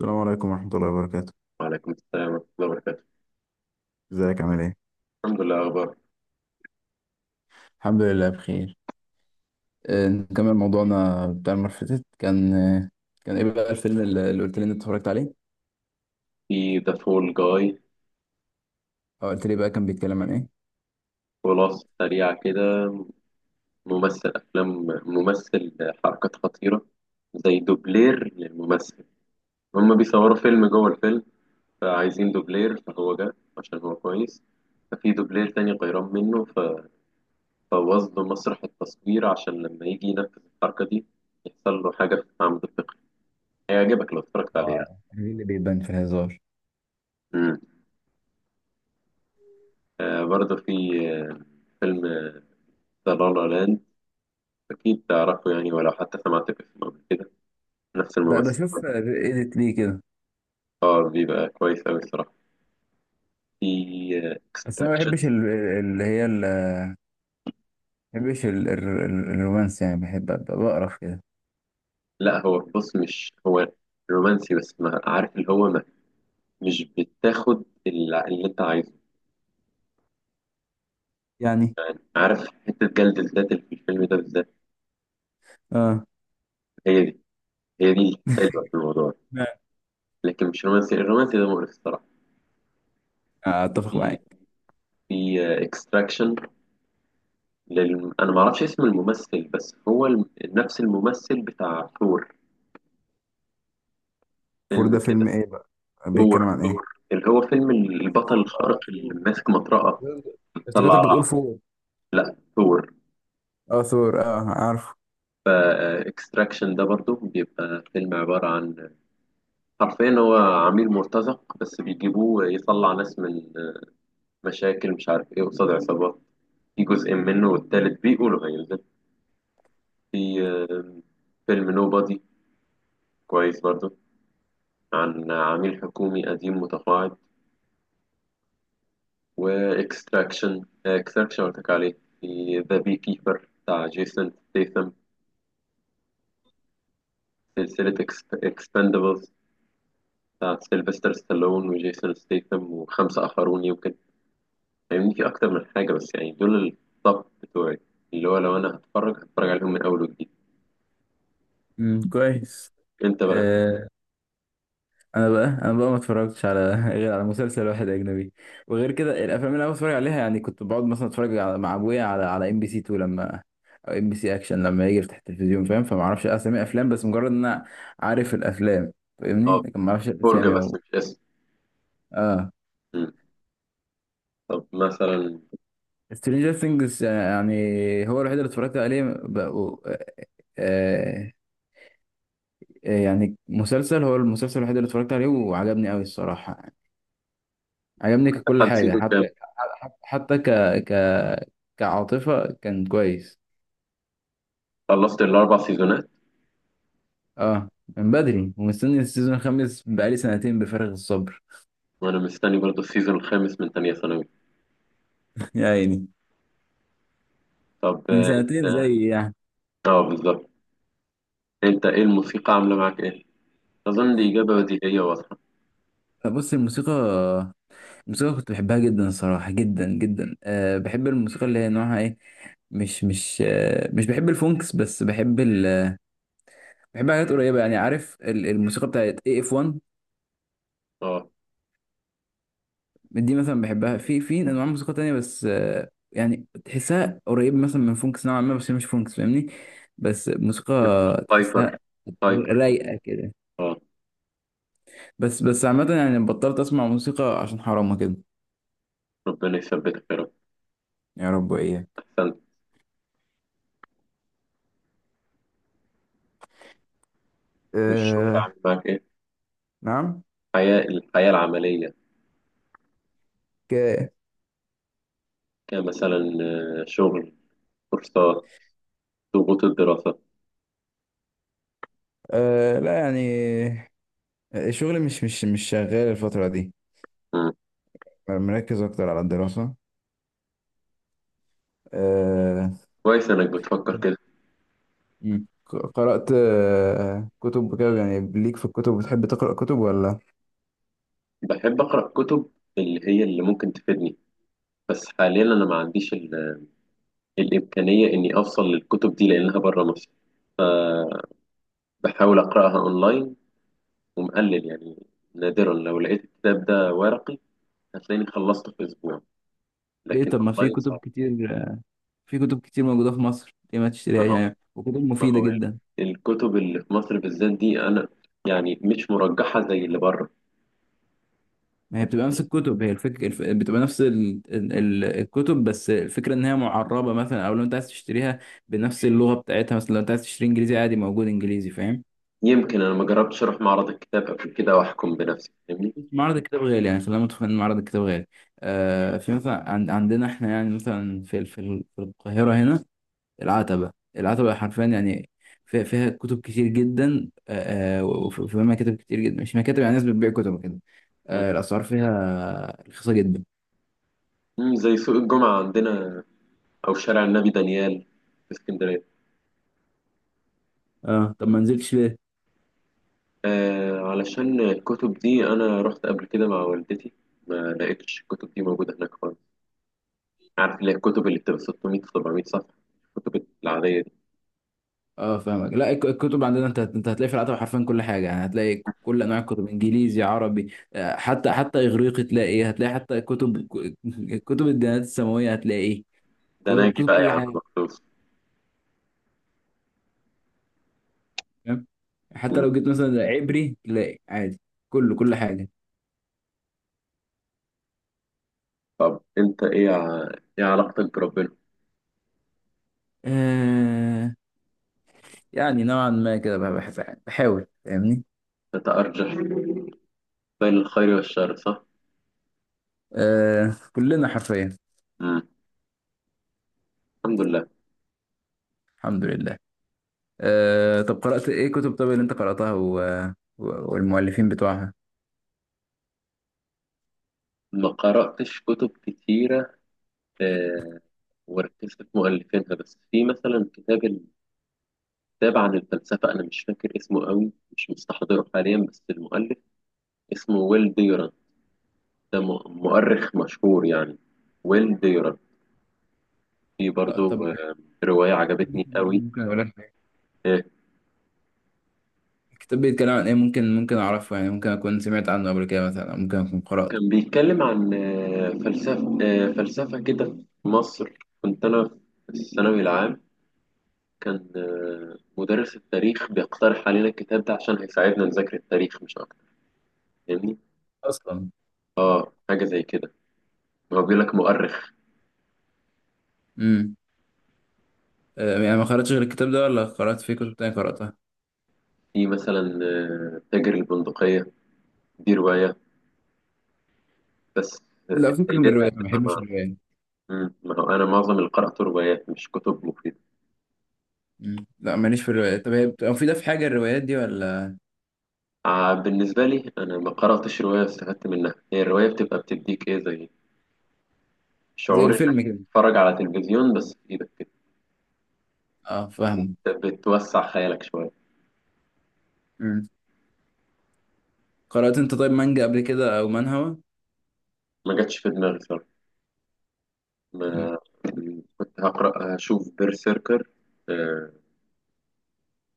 السلام عليكم ورحمة الله وبركاته. وعليكم السلام ورحمة الله وبركاته. ازيك عامل ايه؟ الحمد لله. أخبار؟ الحمد لله بخير. نكمل موضوعنا بتاع المرة اللي فاتت. كان ايه بقى الفيلم اللي قلت لي إن انت اتفرجت عليه، في ذا فول جاي. او قلت لي بقى كان بيتكلم عن ايه. خلاصة سريعة كده. ممثل أفلام، ممثل حركات خطيرة، زي دوبلير للممثل. هما بيصوروا فيلم جوه الفيلم، فعايزين دوبلير، فهو جه عشان هو كويس. ففي دوبلير تاني غيران منه، فبوظ له مسرح التصوير عشان لما يجي ينفذ الحركة دي يحصل له حاجة في عمود الفقري. هيعجبك لو اتفرجت عليه يعني. اه، ايه اللي بيبان في الهزار؟ مم. برضه في آه، فيلم ذا لا لا لاند. أكيد تعرفه يعني، ولو حتى سمعت باسمه قبل كده. نفس ده الممثل. شوف، ايديت ليه كده. اه، بيبقى كويس أوي الصراحة. في بس انا ما اكستراكشن. بحبش ما بحبش الرومانس، يعني بحب ابقى بقرف كده لا هو بص، مش هو رومانسي، بس ما عارف اللي هو ما مش بتاخد اللي أنت عايزه. يعني. يعني عارف، حتة جلد الذات اللي في الفيلم ده بالذات، اه هي دي هي دي الحلوة في الموضوع. لكن مش رومانسي، الرومانسي ده مقرف الصراحة. اتفق في معاك. في اكستراكشن. أنا ما أعرفش اسم الممثل، بس هو نفس الممثل بتاع ثور. فور ده فيلم فيلم كده، ايه بقى؟ بيتكلم دور عن ايه؟ دور اللي هو فيلم البطل سور، اه، الخارق سور اللي ماسك مطرقة سور. بتطلع افتكرتك بتقول رعد. فور. لا، ثور. اه، ثور، اه، عارفه. فاكستراكشن ده برضو بيبقى فيلم عبارة عن، حرفيا هو عميل مرتزق بس بيجيبوه يطلع ناس من مشاكل مش عارف ايه قصاد عصابات. في جزء منه، والتالت بيقولوا هينزل. في آه، فيلم نوبادي، كويس برضو، عن عميل حكومي قديم متقاعد. واكستراكشن اكستراكشن قلت لك عليه. في ذا بي كيبر بتاع جيسون ستيثم. سلسلة اكسبندبلز بتاع سيلفستر ستالون وجيسون ستيثم وخمسة آخرون يمكن. فاهمني، في أكتر من حاجة بس، يعني دول الطب بتوعي، اللي هو لو أنا هتفرج هتفرج عليهم من أول وجديد. كويس. أنت بقى؟ آه. انا بقى ما اتفرجتش على غير على مسلسل واحد اجنبي، وغير كده الافلام اللي انا بتفرج عليها يعني. كنت بقعد مثلا اتفرج، على مع ابويا، على ام بي سي 2 لما، او ام بي سي اكشن لما يجي يفتح التلفزيون، فاهم؟ فما اعرفش اسامي افلام، بس مجرد ان انا عارف الافلام فاهمني، أه، لكن ما اعرفش فرجة الاسامي بس و... مش اسم. اه، مم. طب مثلا، سترينجر ثينجز يعني، هو الوحيد اللي اتفرجت عليه بقى... آه... يعني مسلسل، هو المسلسل الوحيد اللي اتفرجت عليه وعجبني قوي الصراحة. عجبني ككل امتحان حاجة، سيزون كام؟ حتى حتى حتى ك ك كعاطفة كان كويس. خلصت الأربع سيزونات. اه. من بدري ومستني السيزون الخامس بقالي سنتين بفارغ الصبر. وأنا مستني برضه السيزون الخامس من تانية ثانوي. يا عيني، طب من سنتين أنت. زي يعني. أه، بالظبط. انت ايه الموسيقى عامله معاك ايه؟ اظن دي اجابه بديهيه واضحه. بص، الموسيقى، كنت بحبها جدا الصراحة، جدا جدا. أه، بحب الموسيقى اللي هي نوعها ايه، مش بحب الفونكس، بس بحب حاجات قريبة. يعني عارف الموسيقى بتاعت اي اف 1، اه، دي مثلا بحبها. في انواع موسيقى تانية، بس يعني تحسها قريب مثلا من فونكس نوعا ما، بس هي مش فونكس فاهمني، بس موسيقى تبقى تحسها هايبر، هايبر كده. رايقة كده. اه. بس عامة يعني بطلت اسمع موسيقى عشان حرام كده. ربنا يثبتك يا رب. يا رب واياك. احسنت. والشغل أه. عامل معاك ايه؟ نعم. الحياه العمليه، ك كمثلا شغل، كورسات، ضغوط الدراسه. أه لا يعني الشغل مش شغال الفترة دي، مم. مركز اكتر على الدراسة. أه. كويس انك بتفكر كده. مم. قرأت كتب وكده يعني، ليك في الكتب؟ بتحب تقرأ كتب ولا؟ بحب اقرا كتب اللي هي اللي ممكن تفيدني، بس حاليا انا ما عنديش الامكانيه اني اوصل للكتب دي لانها بره مصر. بحاول اقراها اونلاين، ومقلل يعني. نادرا لو لقيت الكتاب ده ورقي، هتلاقيني خلصته في أسبوع. ليه؟ لكن طب ما في أونلاين كتب صعب. كتير، في كتب كتير موجودة في مصر، ليه ما ما تشتريهاش هو يعني؟ وكتب ما مفيدة هو جدا. الكتب اللي في مصر بالذات دي أنا يعني مش مرجحة زي اللي بره. ما هي بتبقى نفس يعني الكتب، هي الفكرة، بتبقى نفس الكتب، بس الفكرة ان هي معربة مثلا، او لو انت عايز تشتريها بنفس اللغة بتاعتها، مثلا لو انت عايز تشتري انجليزي، عادي موجود انجليزي، فاهم. يمكن أنا ما جربتش أروح معرض الكتاب قبل كده وأحكم بنفسي، فاهمني. معرض الكتاب غالي يعني، خلينا متفقين ان معرض الكتاب غالي. في مثلا عندنا احنا، يعني مثلا في القاهرة هنا، العتبة. حرفيا يعني فيها كتب كتير جدا، وفيها مكاتب كتير جدا، مش مكاتب يعني، ناس بتبيع كتب كده. مم. الأسعار فيها رخيصة جدا. زي سوق الجمعة عندنا، أو شارع النبي دانيال في اسكندرية. اه، طب ما نزلتش ليه؟ علشان الكتب دي أنا رحت قبل كده مع والدتي، ما لقيتش الكتب دي موجودة هناك خالص. عارف اللي هي الكتب اللي بتبقى 600 700 صفحة، الكتب العادية دي. اه، فاهمك. لا الكتب عندنا، انت هتلاقي في العتبة حرفيا كل حاجة، يعني هتلاقي كل انواع الكتب، انجليزي، عربي، حتى اغريقي، تلاقي إيه؟ هتلاقي حتى كتب كتب الديانات السماوية، هتلاقي إيه؟ ده أنا أجي كتب بقى يا كل عم حاجة، مخصوص. فاهم. حتى مم. لو جيت مثلا عبري تلاقي عادي. كله كل طب أنت إيه إيه علاقتك بربنا؟ حاجة، يعني نوعا ما كده بقى، بحب بحاول فاهمني. أنت أرجح بين الخير والشر، صح؟ آه كلنا حرفيا. مم. الحمد لله. الحمد لله. طب قرأت ايه كتب؟ طب اللي انت قرأتها والمؤلفين بتوعها. ما قرأتش كتب كتيرة. آه وركزت في مؤلفينها بس. في مثلا كتاب، كتاب عن الفلسفة. أنا مش فاكر اسمه قوي، مش مستحضره حاليا، بس المؤلف اسمه ويل ديران. ده مؤرخ مشهور يعني، ويل ديران. في برضو طب رواية عجبتني قوي. ممكن اقول لك حاجة. آه، الكتاب بيتكلم عن ايه؟ ممكن اعرفه يعني؟ ممكن اكون سمعت عنه قبل كده مثلا، أو ممكن اكون قرأته كان بيتكلم عن فلسفة كده، في مصر. كنت أنا في الثانوي العام، كان مدرس التاريخ بيقترح علينا الكتاب ده عشان هيساعدنا نذاكر التاريخ مش أكتر، فاهمني. اصلا. حاجة زي كده، هو بيقول لك مؤرخ. امم يعني ما قرأتش غير الكتاب ده ولا قرأت فيه كتب تانية قرأتها؟ في مثلا تاجر البندقية، دي رواية بس آه، لا فكك من فايدتها الروايات، ما هتبقى بحبش معنا. الروايات. ما هو أنا معظم اللي قرأته روايات مش كتب مفيدة. مم. لا ماليش في الروايات. طب هي بتبقى مفيدة في حاجة الروايات دي ولا؟ بالنسبة لي أنا ما قرأتش رواية واستفدت منها. هي الرواية بتبقى بتديك إيه زي زي شعور إنك الفيلم كده. تتفرج على تلفزيون بس في إيدك كده، اه، فاهم. وبتوسع خيالك شوية. قرأت انت طيب مانجا قبل كده او منهوا؟ ما جاتش في دماغي صراحة. مم. ما كنت هقرأ هشوف بيرسيركر آه،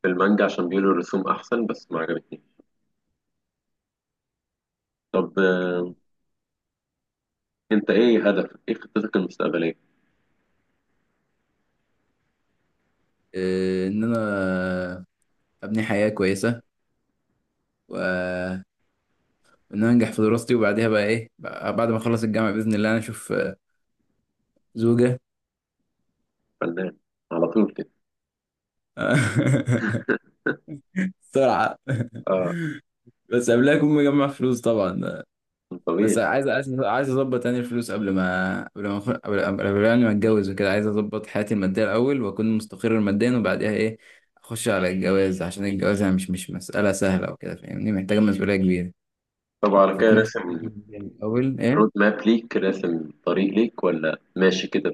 في المانجا عشان بيقولوا الرسوم أحسن، بس ما عجبتنيش. طب أنت إيه هدفك؟ إيه خطتك المستقبلية؟ ان انا ابني حياة كويسة، وان انا انجح في دراستي، وبعديها بقى ايه بعد ما اخلص الجامعة بإذن الله انا اشوف زوجة. فنان، على طول كده؟ بسرعة. آه. بس قبلها اكون مجمع فلوس طبعا. بس طبيعي. عايز اظبط تاني الفلوس، قبل ما قبل ما أخ- قبل قبل قبل يعني ما اتجوز وكده. عايز اظبط حياتي المادية الاول واكون مستقر ماديا، وبعديها ايه، اخش على الجواز، عشان الجواز يعني مش مسألة سهلة وكده فاهمني، محتاجة مسؤولية كبيرة، طب على كده، فاكون مستفيد راسم من يعني اول ايه. رود ماب ليك، راسم طريق ليك، ولا ماشي كده؟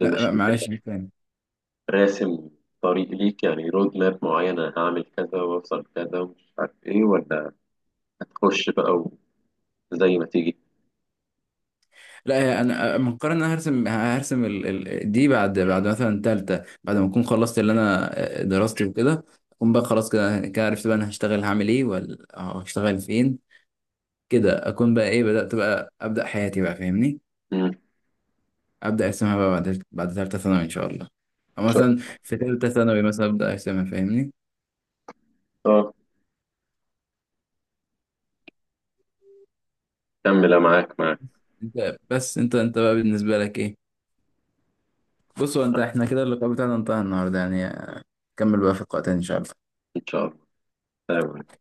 لا، بمشيئة. معلش عيد تاني. راسم طريق ليك يعني رود ماب معين، انا هعمل كذا واوصل كذا ومش عارف ايه، ولا هتخش بقى وزي ما تيجي؟ لا هي أنا مقرر ان انا هرسم، دي بعد، مثلا تالتة، بعد ما اكون خلصت اللي انا دراستي وكده، اكون بقى خلاص كده عرفت بقى انا هشتغل هعمل ايه ولا هشتغل فين. كده اكون بقى ايه بدأت، بقى ابدأ حياتي بقى فاهمني، مم. ابدأ ارسمها بقى بعد، تالتة ثانوي ان شاء الله. او ان شاء مثلا في تالتة ثانوي مثلا ابدأ ارسمها فاهمني. الله. اه، كمل، أنا معاك انت بس، انت بقى بالنسبة لك ايه؟ بصوا انت، احنا كده اللقاء بتاعنا انتهى النهارده يعني، كمل بقى في لقاء تاني إن شاء الله. ان شاء الله. تمام.